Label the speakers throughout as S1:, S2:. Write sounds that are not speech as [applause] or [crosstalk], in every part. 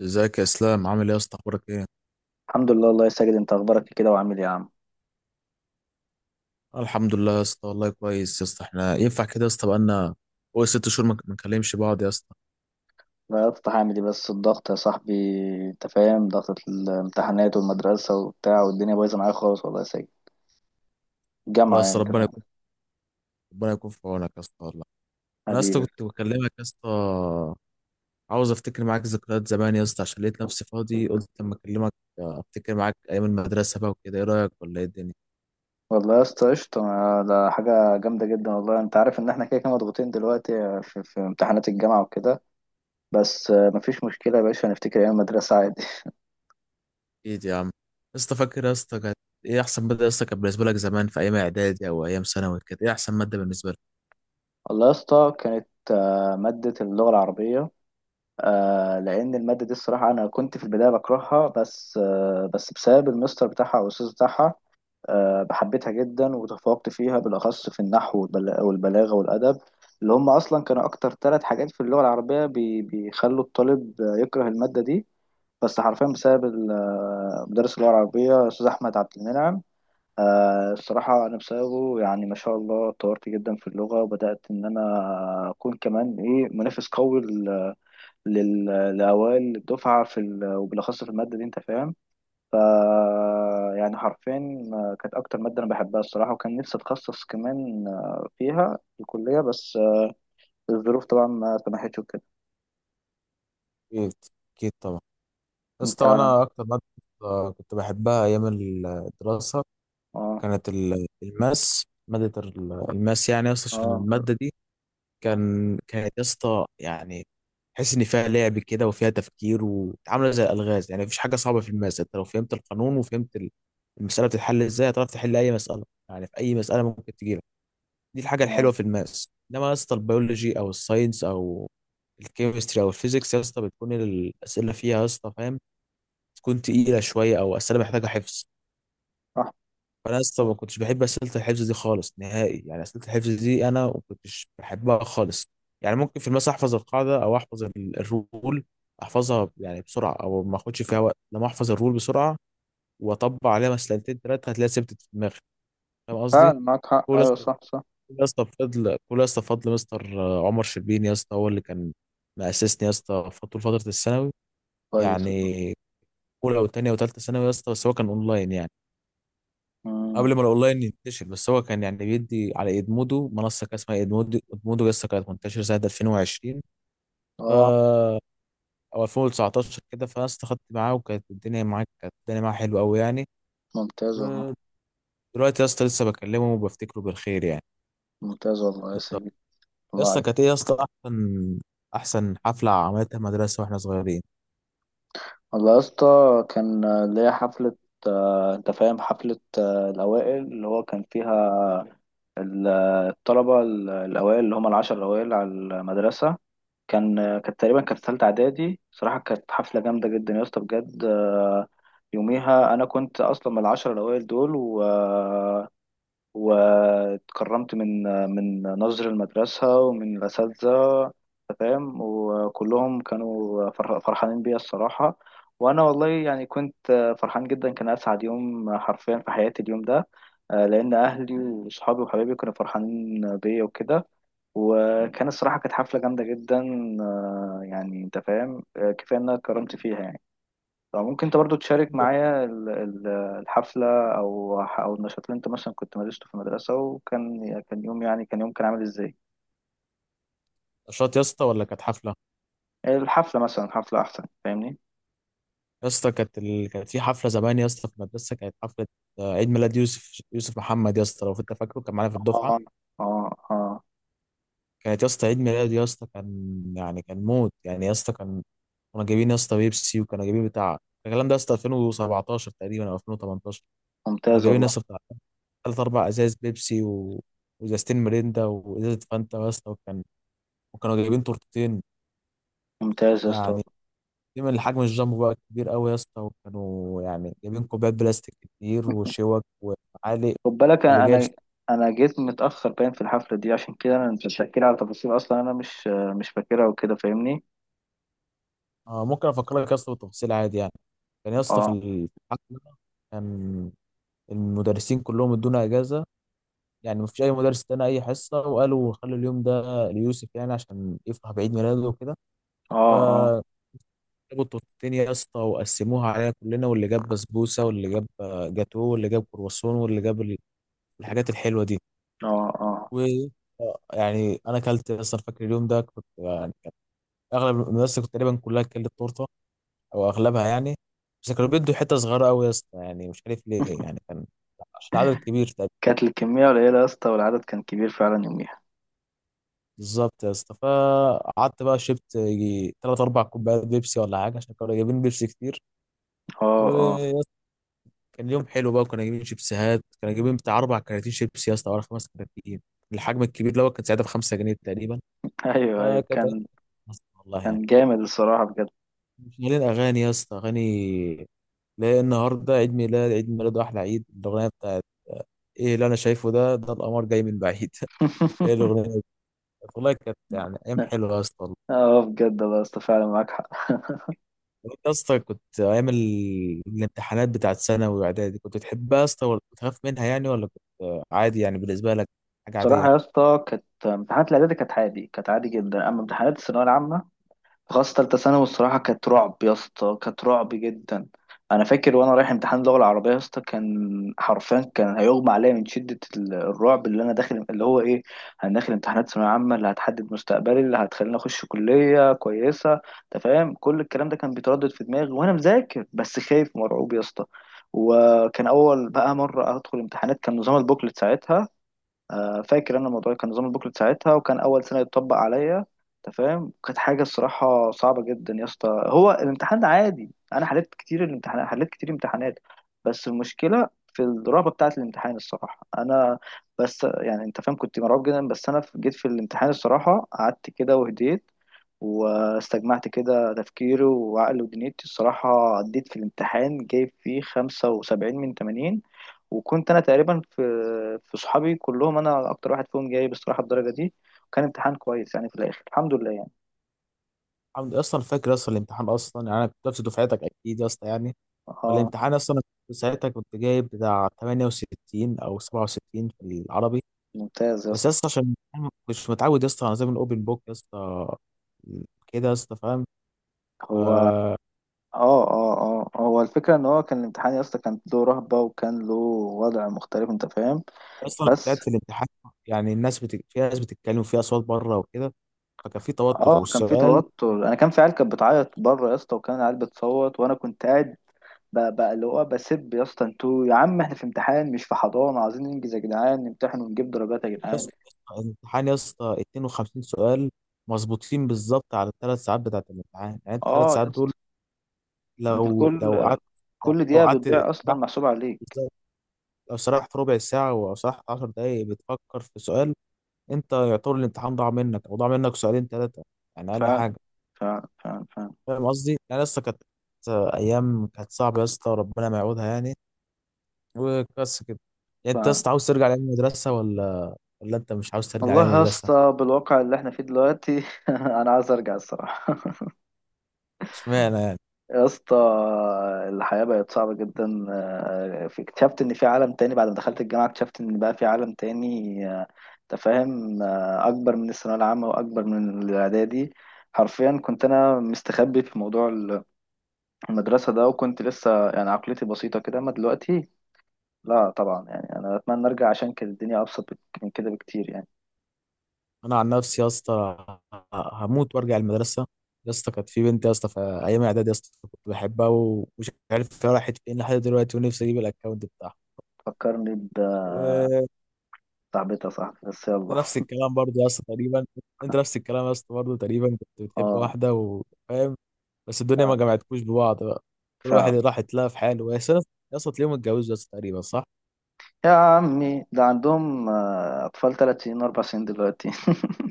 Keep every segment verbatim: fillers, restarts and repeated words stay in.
S1: ازيك يا اسلام؟ عامل ايه يا اسطى؟ اخبارك ايه؟
S2: الحمد لله الله يسجد. انت اخبارك كده وعامل ايه يا عم؟
S1: آه، الحمد لله يا اسطى، والله كويس يا اسطى. احنا ينفع كده يا اسطى؟ بقالنا فوق ست شهور ما ما نكلمش بعض يا اسطى.
S2: غيرت هعمل ايه بس الضغط يا صاحبي. انت فاهم ضغط الامتحانات والمدرسه وبتاع والدنيا بايظه معايا خالص والله يا ساجد.
S1: والله يا
S2: الجامعه، يعني
S1: اسطى،
S2: انت
S1: ربنا
S2: فاهم.
S1: يكون ربنا يكون في عونك يا اسطى والله. انا يا اسطى
S2: حبيبي.
S1: كنت بكلمك يا اسطى، عاوز افتكر معاك ذكريات زمان يا اسطى، عشان لقيت نفسي فاضي قلت اما اكلمك. آه، افتكر معاك ايام المدرسه بقى وكده، ايه رايك ولا ايه الدنيا؟
S2: والله يا اسطى قشطه، ما- ده حاجه جامده جدا والله. انت عارف ان احنا كده كده مضغوطين دلوقتي في, في امتحانات الجامعه وكده. بس آه، مفيش مشكله يا باشا، هنفتكر ايام المدرسه عادي.
S1: اكيد يا عم يا اسطى، فاكر يا اسطى كانت ايه احسن ماده يا اسطى كانت بالنسبه لك زمان؟ في ايام اعدادي او ايام ثانوي، كانت ايه احسن ماده بالنسبه لك؟
S2: [laughs] والله يا اسطى كانت آه، ماده اللغه العربيه. آه، لان الماده دي الصراحه انا كنت في البدايه بكرهها، بس آه بس بسبب المستر بتاعها او الاستاذ بتاعها آه بحبتها جدا وتفوقت فيها، بالاخص في النحو والبلا- والبلاغه والادب، اللي هم اصلا كانوا اكتر ثلاث حاجات في اللغه العربيه بي بيخلوا الطالب يكره الماده دي. بس حرفيا بسبب ال- آه، مدرس اللغه العربيه الاستاذ احمد عبد المنعم. آه، الصراحه انا بسببه يعني ما شاء الله اتطورت جدا في اللغه، وبدات ان انا اكون كمان ايه منافس قوي لل- لأوائل الدفعة في ال... وبالأخص في المادة دي أنت فاهم. ف يعني حرفيا آه، كانت أكتر مادة أنا بحبها الصراحة، وكان نفسي أتخصص كمان، آه، فيها في الكلية، بس آه، الظروف طبعا ما سمحتش وكده.
S1: اكيد اكيد طبعا. يا
S2: أنت
S1: اسطى
S2: آه.
S1: وانا اكتر ماده آه، كنت بحبها ايام الدراسه
S2: آه.
S1: كانت ال- الماس، ماده ال- الماس يعني يا اسطى. عشان
S2: آه
S1: الماده دي
S2: آه،
S1: كان كانت يا اسطى يعني تحس ان فيها لعب كده وفيها تفكير وعامله زي الالغاز، يعني مفيش حاجه صعبه في الماس. انت لو فهمت القانون وفهمت ال- المساله بتتحل ازاي، هتعرف تحل اي مساله يعني، في اي مساله ممكن تجيلك. دي الحاجه
S2: آه،
S1: الحلوه في الماس، انما يا اسطى البيولوجي او الساينس او الكيمستري او الفيزيكس يا اسطى بتكون الاسئله فيها يا اسطى فاهم، تكون تقيله شويه، او اسئله محتاجه حفظ.
S2: صح.
S1: فانا اصلا ما كنتش بحب اسئله الحفظ دي خالص نهائي، يعني اسئله الحفظ دي انا ما كنتش بحبها خالص. يعني ممكن في المسا احفظ القاعده او احفظ ال- الرول، احفظها يعني بسرعه او ما اخدش فيها وقت، لما احفظ الرول بسرعه واطبق عليها مسألتين ثلاثه هتلاقيها ثبتت في دماغي. فاهم قصدي؟
S2: فعلا معاك حق،
S1: كل يا
S2: أيوه
S1: اسطى
S2: صح صح.
S1: كل يا اسطى بفضل كل يا اسطى بفضل مستر عمر شربين يا اسطى، هو اللي كان مأسسني يا اسطى طول فتره الثانوي،
S2: كويس
S1: يعني
S2: والله.
S1: اولى وثانيه وثالثه ثانوي يا اسطى. بس هو كان اونلاين يعني
S2: مم.
S1: قبل ما الاونلاين ينتشر، بس هو كان يعني بيدي على ادمودو، منصه كان اسمها ادمودو. ادمودو لسه كانت منتشره سنه ألفين وعشرين ف
S2: آه.
S1: او ألفين وتسعتاشر كده، فانا استخدت معاه، وكانت الدنيا معاه كانت الدنيا معاه حلوه قوي يعني.
S2: ممتاز والله.
S1: ودلوقتي يا اسطى لسه بكلمه وبفتكره بالخير يعني.
S2: ممتاز والله يا
S1: بالظبط.
S2: سيدي.
S1: يا
S2: الله
S1: اسطى
S2: عليك.
S1: كانت ايه يا اسطى احسن احسن حفله عملتها مدرسه واحنا صغيرين؟
S2: والله يا اسطى كان آه، ليا حفلة، آه، أنت فاهم حفلة آه، الأوائل اللي هو كان فيها ال- الطلبة ال- الأوائل اللي هم العشر الأوائل على المدرسة. كان كانت تقريبا كانت تالتة إعدادي. صراحة كانت حفلة جامدة جدا يا اسطى بجد. آه، يوميها أنا كنت أصلا من العشر الأوائل دول، و واتكرمت من من نظر المدرسة ومن الأساتذة. أنت فاهم، وكلهم كانوا فرح- فرحانين بيا الصراحة. وأنا والله يعني كنت فرحان جدا، كان أسعد يوم حرفيا في حياتي اليوم ده. آه، لأن أهلي وصحابي وحبايبي كانوا فرحانين بيا وكده. وكان الصراحة كانت حفلة جامدة جدا. آه، يعني أنت فاهم، آه، كفاية إن أنا اتكرمت فيها يعني. فممكن انت برضو تشارك معايا ال- ال- الحفلة او او النشاط اللي انت مثلا كنت مارسته في المدرسة، وكان كان يوم، يعني كان يوم كان عامل ازاي؟
S1: نشاط يا اسطى ولا كانت حفله؟
S2: الحفلة مثلا، حفلة احسن، فاهمني.
S1: يا اسطى كانت ال... كانت في حفله زمان يا اسطى في المدرسه، كانت حفله آه، عيد ميلاد يوسف. يوسف محمد يا اسطى، لو انت فاكره، كان معانا في الدفعه.
S2: اه. اه. اه.
S1: كانت يا اسطى عيد ميلاد يا اسطى، كان يعني كان موت يعني يا اسطى. كان كنا جايبين يا اسطى بيبسي، وكنا جايبين بتاع الكلام ده يا اسطى ألفين وسبعتاشر تقريبا او ألفين وتمنتاشر. كنا
S2: ممتاز
S1: جايبين يا
S2: والله.
S1: اسطى بتاع ثلاث اربع ازاز بيبسي و... وازازتين ميريندا وازازه فانتا يا اسطى. وكان وكانوا جايبين تورتتين،
S2: ممتاز يا اسطى.
S1: يعني دايما الحجم الجامبو بقى كبير قوي يا اسطى، وكانوا يعني جايبين كوبايات بلاستيك كتير وشوك وعالق.
S2: خد بالك
S1: واللي
S2: انا
S1: جايب.
S2: انا أنا جيت متأخر باين في الحفلة دي، عشان كده انا انت بتحكي لي على تفاصيل اصلا انا مش مش فاكرها وكده فاهمني.
S1: آه، ممكن افكر لك يا اسطى بالتفاصيل عادي يعني. كان يا اسطى في
S2: اه
S1: الحفله، كان المدرسين كلهم ادونا اجازه، يعني مفيش اي مدرس ادانا اي حصه، وقالوا خلوا اليوم ده ليوسف يعني عشان يفرح بعيد ميلاده وكده.
S2: اه. اه
S1: فجابوا التورتين يا اسطى وقسموها علينا كلنا، واللي جاب بسبوسه، واللي جاب آه، جاتوه، واللي جاب كرواسون، واللي جاب ال- الحاجات الحلوه دي.
S2: اه اه.
S1: و آه، يعني انا اكلت اصلا، فاكر اليوم ده كنت يعني كان اغلب المدرسه كنت تقريبا كلها اكلت تورته او اغلبها يعني. بس كانوا بيدوا حته صغيره قوي يا اسطى، يعني مش عارف ليه، يعني كان عشان عدد كبير.
S2: كانت الكمية قليلة يا اسطى، والعدد كان كبير فعلا يوميها.
S1: بالظبط يا اسطى، فقعدت بقى شربت يجي تلات أربع كوبايات بيبسي ولا حاجة، عشان كانوا جايبين بيبسي كتير.
S2: اه اه.
S1: ويا اسطى كان يوم حلو بقى، وكنا جايبين شيبسيهات، كنا جايبين بتاع أربع كراتين شيبسي يا اسطى ولا خمس كراتين، الحجم الكبير اللي هو كان ساعتها بخمسة جنيه تقريبا.
S2: [laughs] ايوه ايوه
S1: فكانت أيام
S2: كان.
S1: مصر والله يعني،
S2: كان جامد الصراحة بجد.
S1: شغالين أغاني يا اسطى. أغاني لا النهاردة عيد ميلاد عيد ميلاد وأحلى عيد. الأغنية بتاعت ايه اللي انا شايفه ده، ده القمر جاي من بعيد. [laughs] ايه الاغنيه دي؟ والله كانت يعني ايام
S2: [laughs]
S1: حلوه يا اسطى.
S2: اه بجد، الله يا اسطى فعلا معاك حق. [laughs]
S1: وانت يا اسطى كنت ايام ال- الامتحانات بتاعت ثانوي واعدادي كنت بتحبها يا اسطى، ولا كنت بتخاف منها يعني، ولا كنت عادي يعني بالنسبه لك حاجه عاديه؟
S2: بصراحة يا اسطى كانت امتحانات الإعدادي كانت عادي كانت عادي جدا، أما امتحانات الثانوية العامة خاصة تالتة ثانوي، الصراحة كانت رعب يا اسطى، كانت رعب جدا. أنا فاكر وأنا رايح امتحان اللغة العربية يا اسطى، كان حرفيا كان هيغمى عليا من شدة ال- الرعب اللي أنا داخل اللي هو إيه، أنا داخل امتحانات ثانوية عامة اللي هتحدد مستقبلي، اللي هتخليني أخش كلية كويسة. أنت فاهم كل الكلام ده كان بيتردد في دماغي وأنا مذاكر، بس خايف مرعوب يا اسطى. وكان أول بقى مرة أدخل امتحانات، كان نظام البوكلت ساعتها. آه، فاكر انا الموضوع، كان نظام البوكلت ساعتها وكان اول سنه يتطبق عليا. انت فاهم كانت حاجه الصراحه صعبه جدا يا اسطى. هو الامتحان عادي، انا حليت كتير الامتحانات، حليت كتير امتحانات، بس المشكله في الرهبه بتاعه الامتحان الصراحه. انا بس يعني انت فاهم كنت مرعوب جدا، بس انا في- جيت في الامتحان الصراحه، قعدت كده وهديت، واستجمعت كده تفكيري وعقلي ودنيتي الصراحة، عديت في الامتحان جايب فيه خمسة وسبعين من تمانين. وكنت انا تقريبا في في صحابي كلهم انا اكتر واحد فيهم جايب الصراحه الدرجه دي، وكان امتحان كويس يعني في الاخر، الحمد لله يعني.
S1: عم- اصلا فاكر اصلا الامتحان اصلا، يعني انا كنت نفس دفعتك اكيد يا اسطى يعني.
S2: اه.
S1: والامتحان اصلا انا كنت ساعتها كنت جايب بتاع تمانية وستين او سبعة وستين في العربي،
S2: ممتاز يا
S1: بس يا
S2: اسطى.
S1: اسطى عشان أنا مش متعود يا اسطى على نظام الاوبن بوك يا اسطى كده، يا اسطى فاهم.
S2: هو اه. اه. اه، هو الفكره ان هو كان الامتحان يا اسطى كان له رهبه وكان له وضع مختلف، انت فاهم.
S1: اصلا كنت قاعد
S2: بس
S1: في الامتحان، يعني الناس بت... في ناس بتتكلم وفي اصوات بره وكده، فكان في توتر.
S2: اه. كان في
S1: والسؤال
S2: توتر، انا كان في عيال كانت بتعيط بره يا اسطى، وكان العيال بتصوت وانا كنت قاعد ب- بقى اللي هو بسب يا اسطى، انتوا يا عم احنا في امتحان مش في حضانه، عايزين ننجز يا جدعان، نمتحن ونجيب درجات يا
S1: يا
S2: جدعان.
S1: اسطى، الامتحان يا اسطى اتنين وخمسين سؤال مظبوطين بالظبط على الثلاث ساعات بتاعت الامتحان، يعني الثلاث
S2: اه يا
S1: ساعات دول
S2: اسطى. انت
S1: لو لو
S2: كل
S1: قعدت
S2: كل
S1: لو
S2: دقيقة
S1: قعدت سرحت.
S2: بتضيع أصلا محسوبة عليك.
S1: بالظبط، لو سرحت ربع ساعة أو سرحت عشر دقايق بتفكر في سؤال، أنت يعتبر الامتحان ضاع منك، أو ضاع منك سؤالين ثلاثة يعني،
S2: ف
S1: أقل حاجة.
S2: ف ف ف
S1: فاهم قصدي؟ يعني لسه كانت أيام كانت صعبة يا اسطى، ربنا ما يعودها يعني. وبس كده. يعني
S2: ف
S1: أنت يا اسطى عاوز ترجع لأيام المدرسة ولا ولا أنت مش عاوز ترجع لأيام
S2: والله يا
S1: المدرسة؟
S2: اسطى بالواقع اللي احنا فيه دلوقتي، [laughs] أنا عايز أرجع الصراحة
S1: اشمعنى يعني؟
S2: يا اسطى. الحياة بقت صعبة جدا. آه، في- اكتشفت إن في عالم تاني بعد ما دخلت الجامعة، اكتشفت إن بقى في عالم تاني. آه، أنت فاهم، آه، أكبر من الثانوية العامة وأكبر من الإعدادي. حرفيا كنت أنا مستخبي في موضوع المدرسة ده، وكنت لسه يعني عقليتي بسيطة كده، أما دلوقتي لا طبعا. يعني انا اتمنى ارجع عشان كانت الدنيا ابسط بك- من كده بكتير يعني.
S1: انا عن نفسي يا اسطى، هموت وارجع المدرسه. يا اسطى كانت في بنت يا اسطى في ايام اعدادي يا اسطى كنت بحبها، ومش عارف هي راحت فين لحد دلوقتي، ونفسي اجيب الاكونت بتاعها.
S2: فكرني
S1: وانت
S2: بصاحبتي يا صاحبي، بس يلا.
S1: نفس الكلام برضه يا اسطى تقريبا، انت نفس الكلام يا اسطى برضه تقريبا كنت بتحب
S2: اه.
S1: واحده وفاهم، بس الدنيا ما
S2: فعلا.
S1: جمعتكوش ببعض بقى. كل واحد
S2: فعلا.
S1: راح يتلاقى في حاله يا اسطى. يا اسطى تلاقيهم اتجوزوا يا اسطى تقريبا، صح.
S2: يا عمي ده عندهم، آه، اطفال ثلاث سنين اربع سنين دلوقتي. [laughs]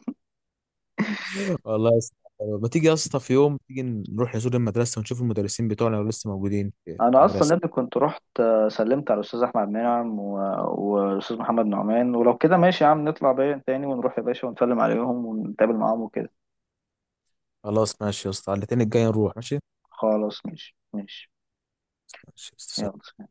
S1: والله يا اسطى، ما تيجي يا اسطى في يوم تيجي نروح نزور المدرسه ونشوف المدرسين بتوعنا لو لسه موجودين في
S2: انا اصلا
S1: المدرسه؟
S2: ابني كنت رحت، آه، سلمت على الاستاذ احمد منعم، و- والاستاذ محمد نعمان، ولو كده ماشي يا عم نطلع بيا تاني ونروح يا باشا ونسلم عليهم ونتقابل معاهم وكده.
S1: خلاص ماشي يا اسطى، على الاثنين الجاي نروح، ماشي
S2: خلاص ماشي ماشي.
S1: ماشي يا اسطى، سلام.
S2: يلا